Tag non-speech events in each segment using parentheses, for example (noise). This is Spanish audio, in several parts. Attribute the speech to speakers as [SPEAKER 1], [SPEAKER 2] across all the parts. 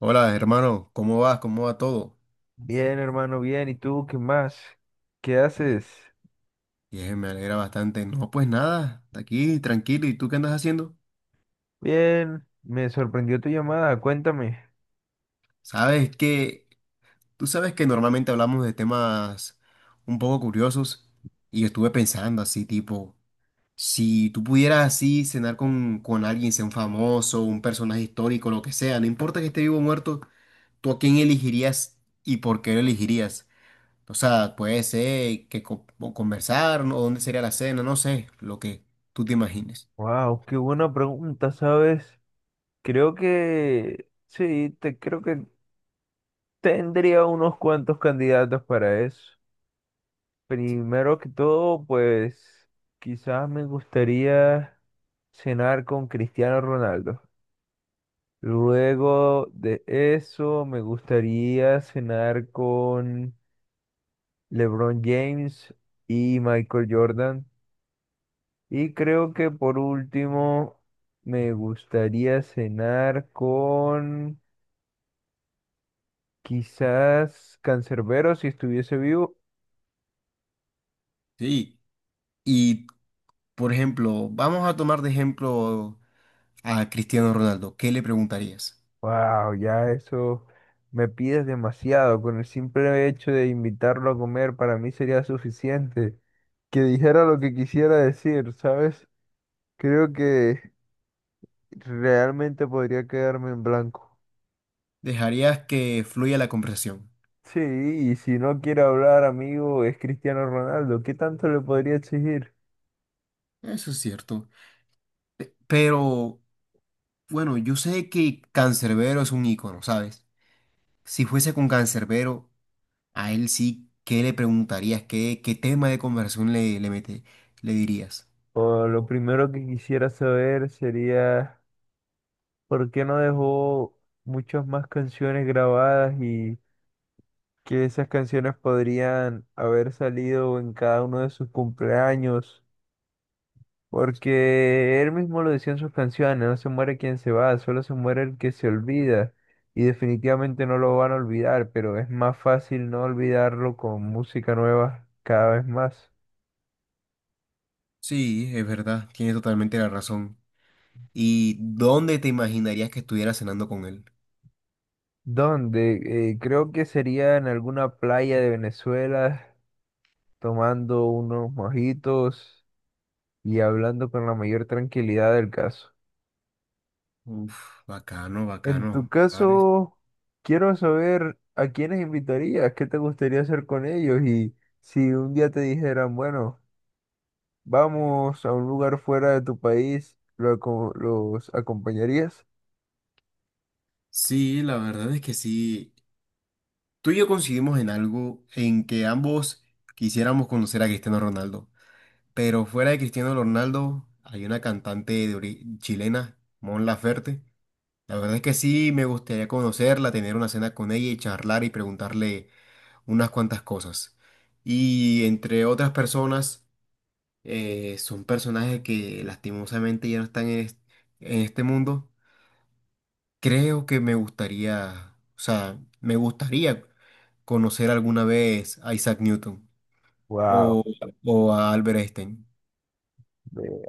[SPEAKER 1] Hola, hermano, ¿cómo vas? ¿Cómo va todo?
[SPEAKER 2] Bien, hermano, bien. ¿Y tú qué más? ¿Qué haces?
[SPEAKER 1] Me alegra bastante. No, pues nada, hasta aquí tranquilo. ¿Y tú qué andas haciendo?
[SPEAKER 2] Bien, me sorprendió tu llamada, cuéntame.
[SPEAKER 1] Sabes que, tú sabes que normalmente hablamos de temas un poco curiosos y yo estuve pensando así, tipo, si tú pudieras así cenar con alguien, sea un famoso, un personaje histórico, lo que sea, no importa que esté vivo o muerto, ¿tú a quién elegirías y por qué lo elegirías? O sea, puede ser que co- conversar, ¿no? O dónde sería la cena, no sé, lo que tú te imagines.
[SPEAKER 2] Wow, qué buena pregunta, ¿sabes? Creo que sí, te creo que tendría unos cuantos candidatos para eso. Primero que todo, pues quizás me gustaría cenar con Cristiano Ronaldo. Luego de eso, me gustaría cenar con LeBron James y Michael Jordan. Y creo que por último me gustaría cenar con quizás Cancerbero si estuviese vivo.
[SPEAKER 1] Sí, y por ejemplo, vamos a tomar de ejemplo a Cristiano Ronaldo. ¿Qué le preguntarías?
[SPEAKER 2] Wow, ya eso me pides demasiado. Con el simple hecho de invitarlo a comer para mí sería suficiente. Que dijera lo que quisiera decir, ¿sabes? Creo que realmente podría quedarme en blanco.
[SPEAKER 1] Dejarías que fluya la conversación.
[SPEAKER 2] Sí, y si no quiere hablar, amigo, es Cristiano Ronaldo. ¿Qué tanto le podría exigir?
[SPEAKER 1] Eso es cierto. Pero bueno, yo sé que Cancerbero es un ícono, ¿sabes? Si fuese con Cancerbero, a él sí, ¿qué le preguntarías? ¿Qué tema de conversación le dirías?
[SPEAKER 2] O lo primero que quisiera saber sería por qué no dejó muchas más canciones grabadas y que esas canciones podrían haber salido en cada uno de sus cumpleaños, porque él mismo lo decía en sus canciones: no se muere quien se va, solo se muere el que se olvida. Y definitivamente no lo van a olvidar, pero es más fácil no olvidarlo con música nueva cada vez más.
[SPEAKER 1] Sí, es verdad, tienes totalmente la razón. ¿Y dónde te imaginarías que estuviera cenando con él?
[SPEAKER 2] Donde creo que sería en alguna playa de Venezuela, tomando unos mojitos y hablando con la mayor tranquilidad del caso.
[SPEAKER 1] Uf, bacano,
[SPEAKER 2] En
[SPEAKER 1] bacano.
[SPEAKER 2] tu caso, quiero saber a quiénes invitarías, qué te gustaría hacer con ellos y si un día te dijeran, bueno, vamos a un lugar fuera de tu país, ¿los acompañarías?
[SPEAKER 1] Sí, la verdad es que sí. Tú y yo coincidimos en algo en que ambos quisiéramos conocer a Cristiano Ronaldo. Pero fuera de Cristiano Ronaldo, hay una chilena, Mon Laferte. La verdad es que sí, me gustaría conocerla, tener una cena con ella y charlar y preguntarle unas cuantas cosas. Y entre otras personas, son personajes que lastimosamente ya no en este mundo. Creo que me gustaría, o sea, me gustaría conocer alguna vez a Isaac Newton
[SPEAKER 2] Wow,
[SPEAKER 1] o, o a Albert Einstein.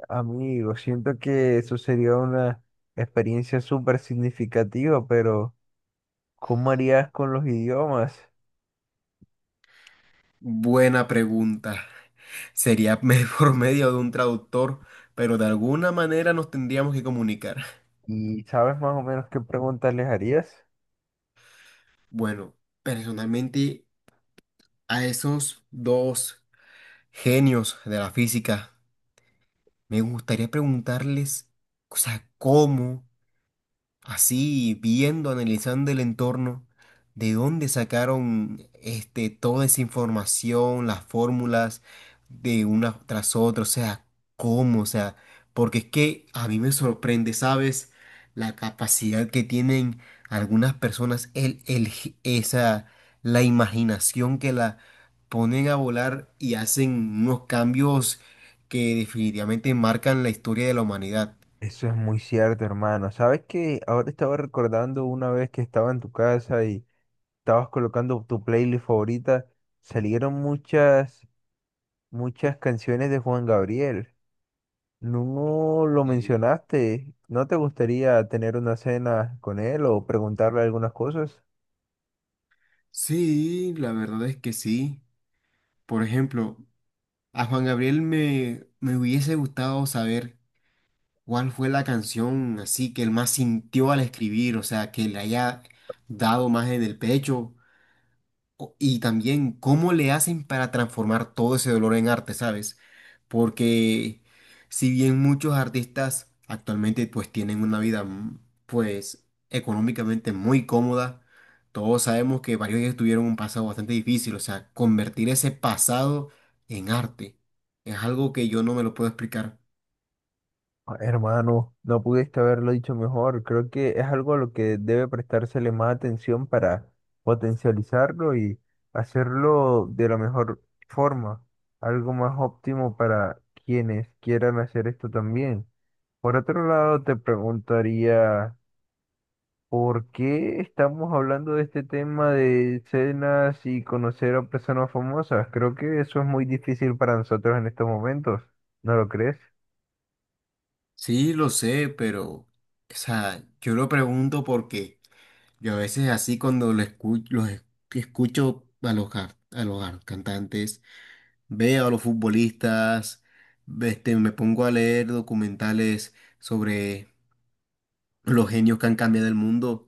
[SPEAKER 2] amigo, siento que eso sería una experiencia súper significativa, pero ¿cómo harías con los idiomas?
[SPEAKER 1] Buena pregunta. (laughs) Por medio de un traductor, pero de alguna manera nos tendríamos que comunicar.
[SPEAKER 2] ¿Y sabes más o menos qué preguntas les harías?
[SPEAKER 1] Bueno, personalmente a esos dos genios de la física, me gustaría preguntarles, o sea, cómo. Así viendo, analizando el entorno, de dónde sacaron este, toda esa información, las fórmulas de una tras otra, o sea, cómo, o sea, porque es que a mí me sorprende, ¿sabes? La capacidad que tienen algunas personas, la imaginación que la ponen a volar y hacen unos cambios que definitivamente marcan la historia de la humanidad.
[SPEAKER 2] Eso es muy cierto, hermano. Sabes que ahora estaba recordando una vez que estaba en tu casa y estabas colocando tu playlist favorita, salieron muchas canciones de Juan Gabriel. No lo mencionaste. ¿No te gustaría tener una cena con él o preguntarle algunas cosas?
[SPEAKER 1] Sí, la verdad es que sí. Por ejemplo, a Juan Gabriel me hubiese gustado saber cuál fue la canción así que él más sintió al escribir, o sea, que le haya dado más en el pecho, o- Y también cómo le hacen para transformar todo ese dolor en arte, ¿sabes? Porque si bien muchos artistas actualmente pues tienen una vida pues económicamente muy cómoda, todos sabemos que varios de ellos tuvieron un pasado bastante difícil, o sea, convertir ese pasado en arte es algo que yo no me lo puedo explicar.
[SPEAKER 2] Ah, hermano, no pudiste haberlo dicho mejor. Creo que es algo a lo que debe prestársele más atención para potencializarlo y hacerlo de la mejor forma, algo más óptimo para quienes quieran hacer esto también. Por otro lado, te preguntaría, ¿por qué estamos hablando de este tema de cenas y conocer a personas famosas? Creo que eso es muy difícil para nosotros en estos momentos, ¿no lo crees?
[SPEAKER 1] Sí, lo sé, pero, o sea, yo lo pregunto porque... Yo a veces así cuando lo escu- los es- escucho a los cantantes, veo a los futbolistas, me pongo a leer documentales sobre los genios que han cambiado el mundo.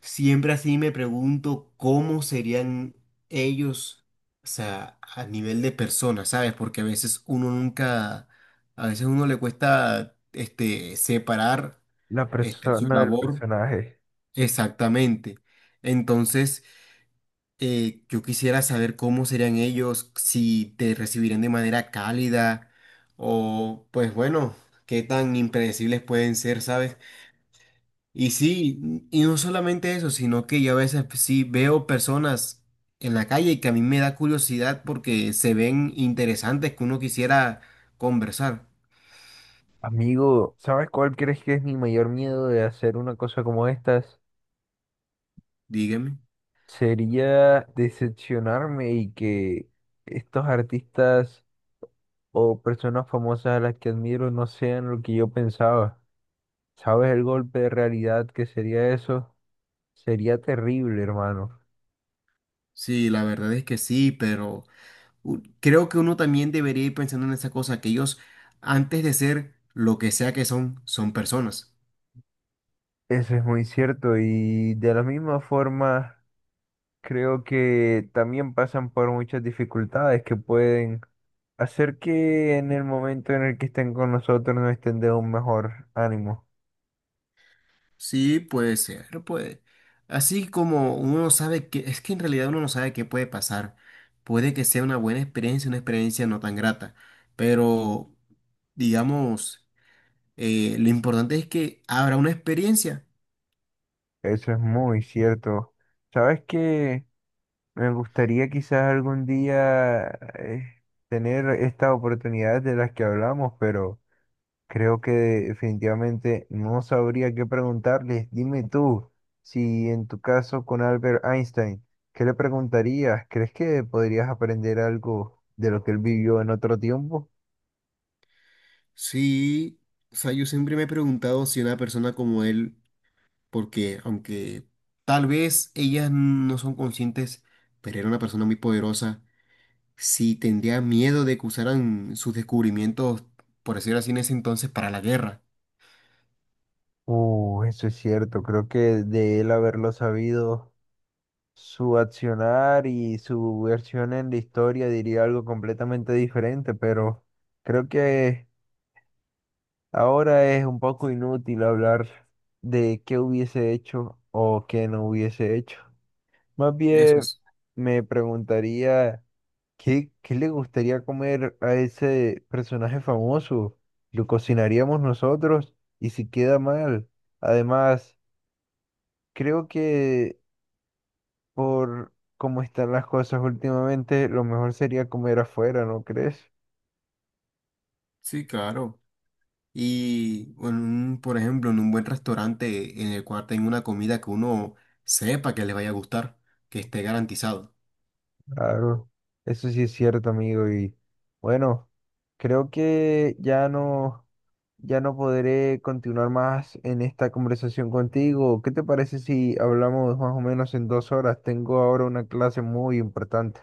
[SPEAKER 1] Siempre así me pregunto cómo serían ellos, o sea, a nivel de personas, ¿sabes? Porque a veces uno nunca, a veces uno le cuesta este, separar
[SPEAKER 2] La
[SPEAKER 1] este, su
[SPEAKER 2] persona del
[SPEAKER 1] labor
[SPEAKER 2] personaje.
[SPEAKER 1] exactamente. Entonces... yo quisiera saber cómo serían ellos, si te recibirían de manera cálida o pues bueno, qué tan impredecibles pueden ser, ¿sabes? Y sí, y no solamente eso, sino que yo a veces pues, sí veo personas en la calle que a mí me da curiosidad porque se ven interesantes que uno quisiera conversar.
[SPEAKER 2] Amigo, ¿sabes cuál crees que es mi mayor miedo de hacer una cosa como estas?
[SPEAKER 1] Dígame.
[SPEAKER 2] Sería decepcionarme y que estos artistas o personas famosas a las que admiro no sean lo que yo pensaba. ¿Sabes el golpe de realidad que sería eso? Sería terrible, hermano.
[SPEAKER 1] Sí, la verdad es que sí, pero... u- Creo que uno también debería ir pensando en esa cosa, que ellos, antes de ser lo que sea que son, son personas.
[SPEAKER 2] Eso es muy cierto y de la misma forma creo que también pasan por muchas dificultades que pueden hacer que en el momento en el que estén con nosotros nos estén de un mejor ánimo.
[SPEAKER 1] Sí, puede ser, puede. Así como uno no sabe que, es que en realidad uno no sabe qué puede pasar. Puede que sea una buena experiencia, una experiencia no tan grata. Pero, digamos, lo importante es que habrá una experiencia.
[SPEAKER 2] Eso es muy cierto. ¿Sabes que me gustaría quizás algún día tener estas oportunidades de las que hablamos? Pero creo que definitivamente no sabría qué preguntarles. Dime tú, si en tu caso con Albert Einstein, ¿qué le preguntarías? ¿Crees que podrías aprender algo de lo que él vivió en otro tiempo?
[SPEAKER 1] Sí, o sea, yo siempre me he preguntado si una persona como él porque aunque tal vez ellas no son conscientes, pero era una persona muy poderosa, sí tendría miedo de que usaran sus descubrimientos, por decirlo así, en ese entonces para la guerra.
[SPEAKER 2] Eso es cierto. Creo que de él haberlo sabido, su accionar y su versión en la historia diría algo completamente diferente, pero creo que ahora es un poco inútil hablar de qué hubiese hecho o qué no hubiese hecho. Más
[SPEAKER 1] Eso
[SPEAKER 2] bien
[SPEAKER 1] es.
[SPEAKER 2] me preguntaría qué le gustaría comer a ese personaje famoso. ¿Lo cocinaríamos nosotros? ¿Y si queda mal? Además, creo que por cómo están las cosas últimamente, lo mejor sería comer afuera, ¿no crees?
[SPEAKER 1] Sí, claro. Y, en por ejemplo, en un buen restaurante en el cual tenga una comida que uno sepa que le vaya a gustar, que esté garantizado.
[SPEAKER 2] Claro, eso sí es cierto, amigo. Y bueno, creo que ya no podré continuar más en esta conversación contigo. ¿Qué te parece si hablamos más o menos en 2 horas? Tengo ahora una clase muy importante.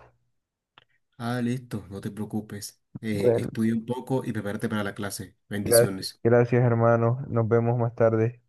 [SPEAKER 1] Ah, listo, no te preocupes.
[SPEAKER 2] Bueno,
[SPEAKER 1] Estudia un poco y prepárate para la clase. Bendiciones.
[SPEAKER 2] Gracias, hermano. Nos vemos más tarde.